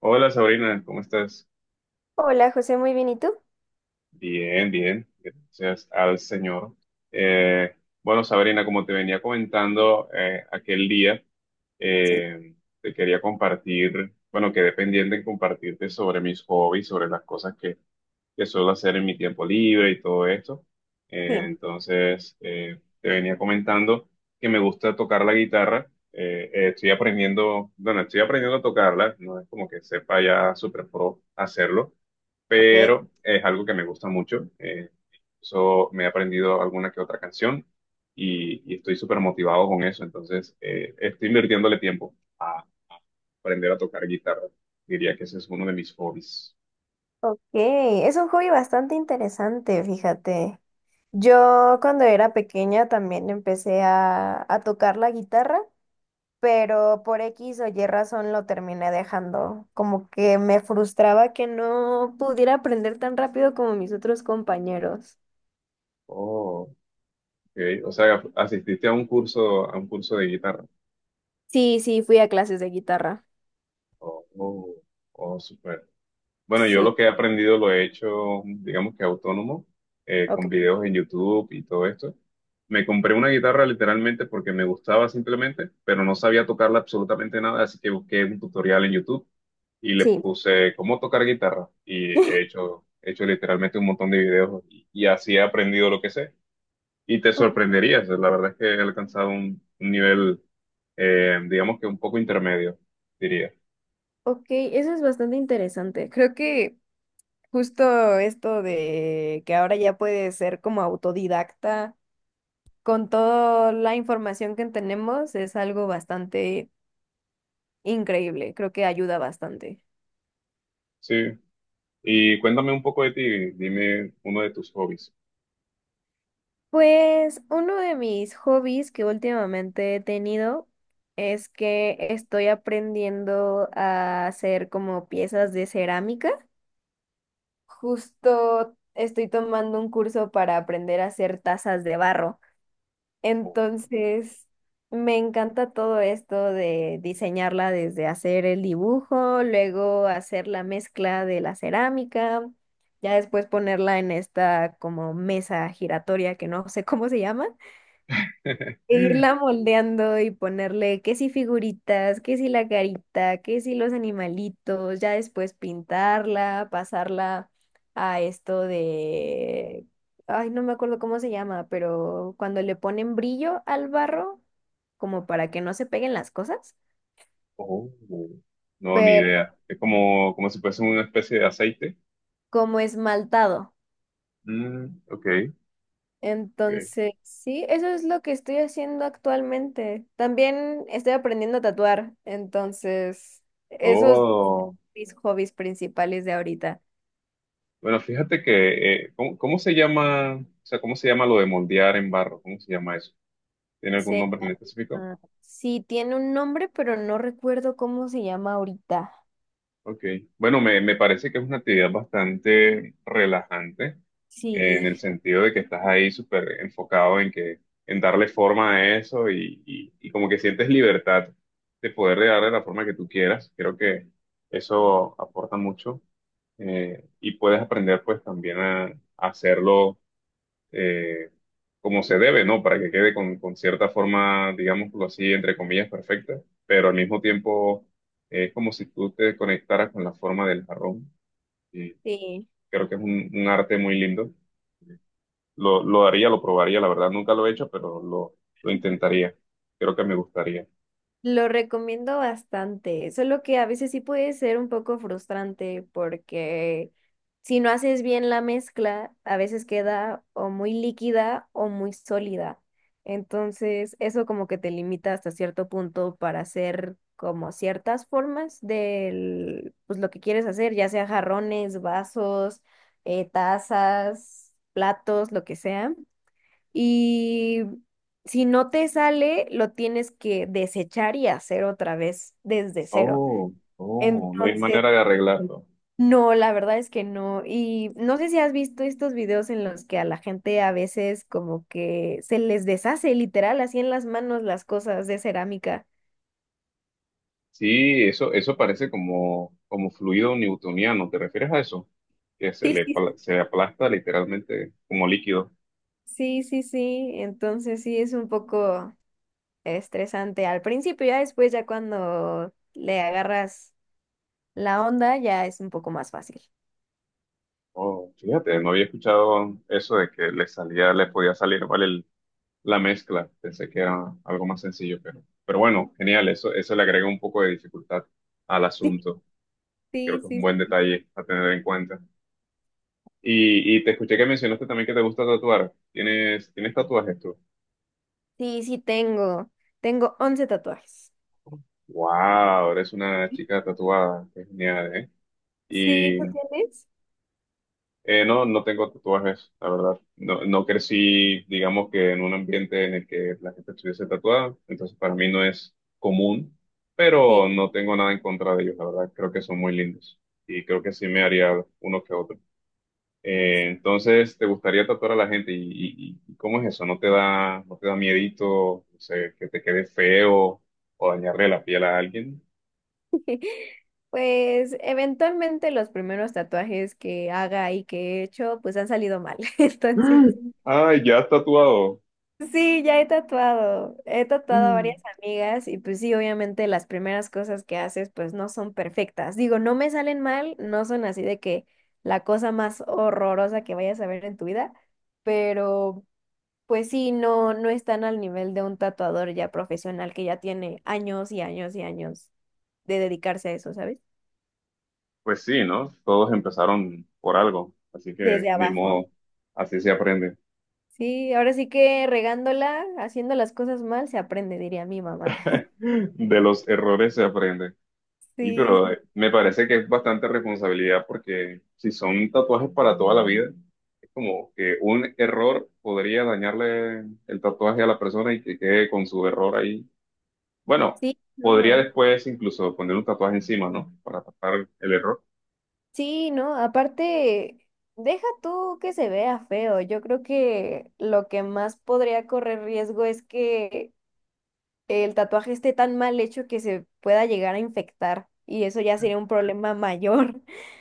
Hola, Sabrina, ¿cómo estás? Hola José, muy bien, ¿y tú? Bien, bien, gracias al Señor. Eh, bueno, Sabrina, como te venía comentando aquel día, Sí, eh, te quería compartir, bueno, quedé pendiente en compartirte sobre mis hobbies, sobre las cosas que suelo hacer en mi tiempo libre y todo esto. sí, Entonces, te venía comentando que me gusta tocar la guitarra. Estoy aprendiendo, bueno, estoy aprendiendo a tocarla, no es como que sepa ya súper pro hacerlo, ok. pero es algo que me gusta mucho. Eso, me he aprendido alguna que otra canción y estoy súper motivado con eso. Entonces, estoy invirtiéndole tiempo a aprender a tocar guitarra. Diría que ese es uno de mis hobbies. Ok, es un hobby bastante interesante, fíjate. Yo cuando era pequeña también empecé a tocar la guitarra, pero por X o Y razón lo terminé dejando. Como que me frustraba que no pudiera aprender tan rápido como mis otros compañeros. Oh, ok. O sea, asististe a un curso de guitarra. Sí, sí, fui a clases de guitarra. Oh, oh, oh, súper. Bueno, yo Sí, lo que he aprendido lo he hecho, digamos que autónomo, con ok, videos en YouTube y todo esto. Me compré una guitarra literalmente porque me gustaba simplemente, pero no sabía tocarla absolutamente nada, así que busqué un tutorial en YouTube y le sí. puse cómo tocar guitarra y he hecho literalmente un montón de videos y así he aprendido lo que sé. Y te O- sorprenderías, la verdad es que he alcanzado un nivel, digamos que un poco intermedio, diría. Ok, eso es bastante interesante. Creo que justo esto de que ahora ya puedes ser como autodidacta con toda la información que tenemos es algo bastante increíble, creo que ayuda bastante. Sí. Y cuéntame un poco de ti, dime uno de tus hobbies. Pues uno de mis hobbies que últimamente he tenido es que estoy aprendiendo a hacer como piezas de cerámica. Justo estoy tomando un curso para aprender a hacer tazas de barro. Oh. Entonces, me encanta todo esto de diseñarla, desde hacer el dibujo, luego hacer la mezcla de la cerámica, ya después ponerla en esta como mesa giratoria que no sé cómo se llama, e irla moldeando y ponerle que si figuritas, que si la carita, que si los animalitos, ya después pintarla, pasarla a esto de, ay, no me acuerdo cómo se llama, pero cuando le ponen brillo al barro, como para que no se peguen las cosas, Oh. No, ni pero idea. Es como, como si fuese una especie de aceite. como esmaltado. Mm, ok, ok. Entonces, sí, eso es lo que estoy haciendo actualmente. También estoy aprendiendo a tatuar, entonces, esos Oh, mis hobbies principales de ahorita. bueno, fíjate que, ¿cómo, cómo se llama, o sea, cómo se llama lo de moldear en barro? ¿Cómo se llama eso? ¿Tiene algún Se nombre en específico? llama... Sí, tiene un nombre, pero no recuerdo cómo se llama ahorita. Ok, bueno, me parece que es una actividad bastante relajante en Sí, el sentido de que estás ahí súper enfocado en que en darle forma a eso y como que sientes libertad de poder darle la forma que tú quieras. Creo que eso aporta mucho, y puedes aprender pues también a hacerlo, eh, como se debe, ¿no? Para que quede con cierta forma, digámoslo así, entre comillas, perfecta, pero al mismo tiempo es como si tú te conectaras con la forma del jarrón. Y sí. creo que es un arte muy lindo. Lo haría, lo probaría, la verdad nunca lo he hecho, pero lo intentaría. Creo que me gustaría. Lo recomiendo bastante, solo que a veces sí puede ser un poco frustrante porque si no haces bien la mezcla, a veces queda o muy líquida o muy sólida. Entonces, eso como que te limita hasta cierto punto para hacer como ciertas formas de pues lo que quieres hacer, ya sea jarrones, vasos, tazas, platos, lo que sea. Y si no te sale, lo tienes que desechar y hacer otra vez desde cero. Oh, oh, no hay Entonces, manera de arreglarlo. no, la verdad es que no. Y no sé si has visto estos videos en los que a la gente a veces como que se les deshace literal así en las manos las cosas de cerámica. Sí, eso parece como, como fluido newtoniano. ¿Te refieres a eso? Que se Sí, le, sí, pla- se aplasta literalmente como líquido. sí, sí, sí. Entonces sí es un poco estresante al principio, ya después, ya cuando le agarras la onda, ya es un poco más fácil. Oh, fíjate, no había escuchado eso de que le salía, le podía salir mal el- la mezcla. Pensé que era algo más sencillo, pero bueno, genial. Eso le agrega un poco de dificultad al asunto. Creo Sí, que es un sí, buen detalle a tener en cuenta. Y te escuché que mencionaste también que te gusta tatuar. ¿Tienes, tienes tatuajes tú? sí, sí tengo. Tengo 11 tatuajes. Wow, eres una chica tatuada. Qué genial, ¿eh? Sí, ¿tú tienes? No, no tengo tatuajes, la verdad. No, no crecí, digamos que en un ambiente en el que la gente estuviese tatuada, entonces para mí no es común, Sí. pero no tengo nada en contra de ellos, la verdad. Creo que son muy lindos y creo que sí me haría uno que otro. Entonces, ¿te gustaría tatuar a la gente? Y cómo es eso? ¿No te da, no te da miedito, no sé, que te quede feo o dañarle la piel a alguien? Pues eventualmente los primeros tatuajes que haga y que he hecho, pues han salido mal. Entonces, Ay, ya has tatuado. sí, ya he tatuado. He tatuado a varias amigas y pues sí, obviamente las primeras cosas que haces pues no son perfectas. Digo, no me salen mal, no son así de que la cosa más horrorosa que vayas a ver en tu vida, pero pues sí, no, no están al nivel de un tatuador ya profesional que ya tiene años y años y años de dedicarse a eso, ¿sabes? Pues sí, ¿no? Todos empezaron por algo, así que Desde ni abajo. modo, así se aprende. Sí, ahora sí que regándola, haciendo las cosas mal, se aprende, diría mi mamá. De los errores se aprende. Y Sí, pero me parece que es bastante responsabilidad porque si son tatuajes para toda la vida, es como que un error podría dañarle el tatuaje a la persona y que quede con su error ahí. Bueno, sí, podría no. después incluso poner un tatuaje encima, ¿no? Para tapar el error. Sí, no, aparte, deja tú que se vea feo. Yo creo que lo que más podría correr riesgo es que el tatuaje esté tan mal hecho que se pueda llegar a infectar, y eso ya sería un problema mayor.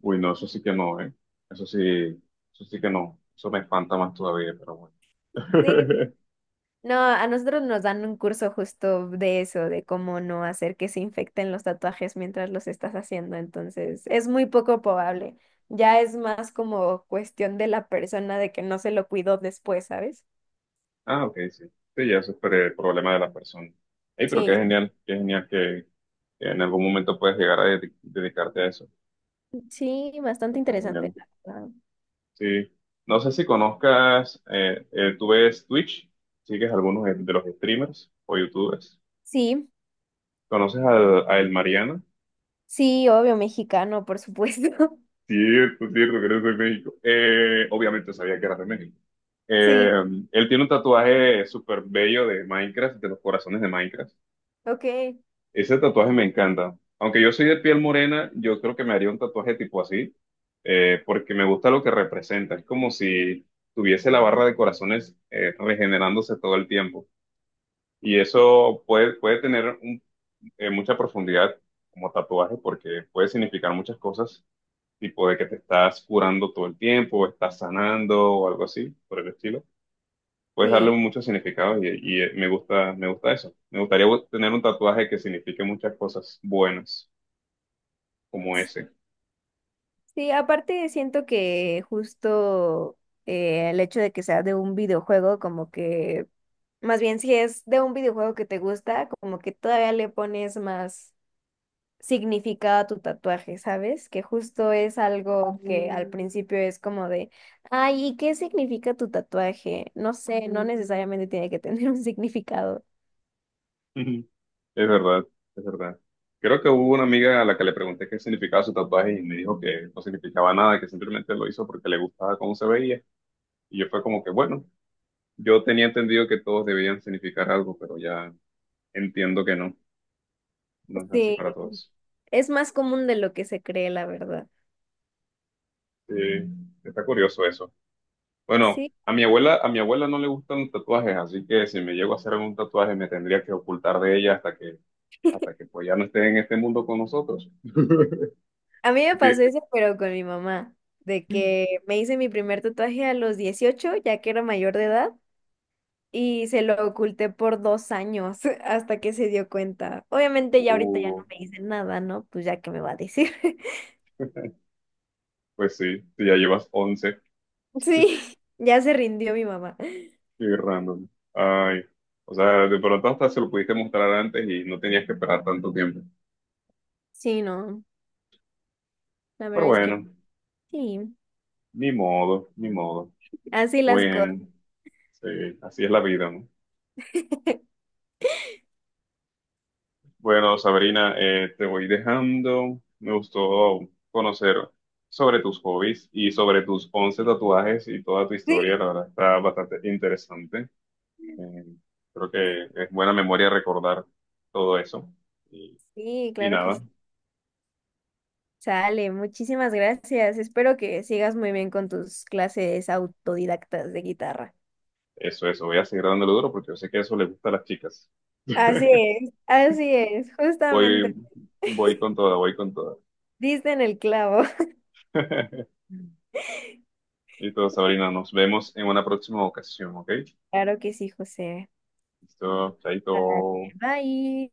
Uy, no, eso sí que no, ¿eh? Eso sí, eso sí que no. Eso me espanta más todavía, pero bueno. Sí, no, a nosotros nos dan un curso justo de eso, de cómo no hacer que se infecten los tatuajes mientras los estás haciendo. Entonces, es muy poco probable. Ya es más como cuestión de la persona de que no se lo cuidó después, ¿sabes? Ah, ok, sí. Sí, ya eso es pre- problema de la persona. Ey, pero Sí, qué genial que en algún momento puedes llegar a dedi- dedicarte a eso. sí, bastante Está genial. interesante, la verdad. Sí. No sé si conozcas, tú ves Twitch, sigues algunos de los streamers o youtubers. Sí, ¿Conoces al- a El Mariana? sí, obvio, mexicano, por supuesto. Cierto, cierto, que eres de México. Obviamente sabía que eras de México. Eh, Sí, Él tiene un tatuaje súper bello de Minecraft, de los corazones de Minecraft. ok, Ese tatuaje me encanta. Aunque yo soy de piel morena, yo creo que me haría un tatuaje tipo así, porque me gusta lo que representa. Es como si tuviese la barra de corazones regenerándose todo el tiempo. Y eso puede, puede tener un- mucha profundidad como tatuaje, porque puede significar muchas cosas tipo de que te estás curando todo el tiempo, o estás sanando o algo así, por el estilo. Puedes darle sí. muchos significados me gusta eso. Me gustaría bu- tener un tatuaje que signifique muchas cosas buenas, como ese. Sí, aparte siento que justo el hecho de que sea de un videojuego, como que más bien, si es de un videojuego que te gusta, como que todavía le pones más significado a tu tatuaje, ¿sabes? Que justo es algo que al principio es como de, ay, ¿y qué significa tu tatuaje? No sé, no Ujú. Necesariamente tiene que tener un significado. Es verdad, es verdad. Creo que hubo una amiga a la que le pregunté qué significaba su tatuaje y me dijo que no significaba nada, que simplemente lo hizo porque le gustaba cómo se veía. Y yo fue como que, bueno, yo tenía entendido que todos debían significar algo, pero ya entiendo que no, no es así Sí, para todos. es más común de lo que se cree, la verdad. Sí, está curioso eso. Bueno, Sí, a mi abuela no le gustan los tatuajes, así que si me llego a hacer algún tatuaje me tendría que ocultar de ella hasta que pues ya no esté en este mundo con nosotros. a mí me pasó Porque, eso, pero con mi mamá, de que me hice mi primer tatuaje a los 18, ya que era mayor de edad. Y se lo oculté por 2 años hasta que se dio cuenta. Obviamente ya ahorita ya uh, no me dice nada, ¿no? Pues ya que me va a decir. pues sí, si ya llevas 11, Sí, ya se rindió mi mamá. qué random. Ay, o sea, de pronto hasta se lo pudiste mostrar antes y no tenías que esperar tanto tiempo. Sí, no, la Pero verdad es que bueno, sí, ni modo, ni modo. así las cosas. Bueno, sí, así es la vida, ¿no? Bueno, Sabrina, te voy dejando. Me gustó conocer sobre tus hobbies y sobre tus 11 tatuajes y toda tu historia. Sí, La verdad está bastante interesante. Eh, Creo que es buena memoria recordar todo eso. Y, sí, claro que nada, sí. Sale, muchísimas gracias. Espero que sigas muy bien con tus clases autodidactas de guitarra. eso, eso. Voy a seguir dándole duro porque yo sé que eso le gusta a las chicas. Así es, Voy, justamente. Voy con toda, voy con toda. Diste en el clavo. Y todo, Sabrina, nos vemos en una próxima ocasión, ¿ok? Claro que sí, José. Listo, chaito. Vale, bye.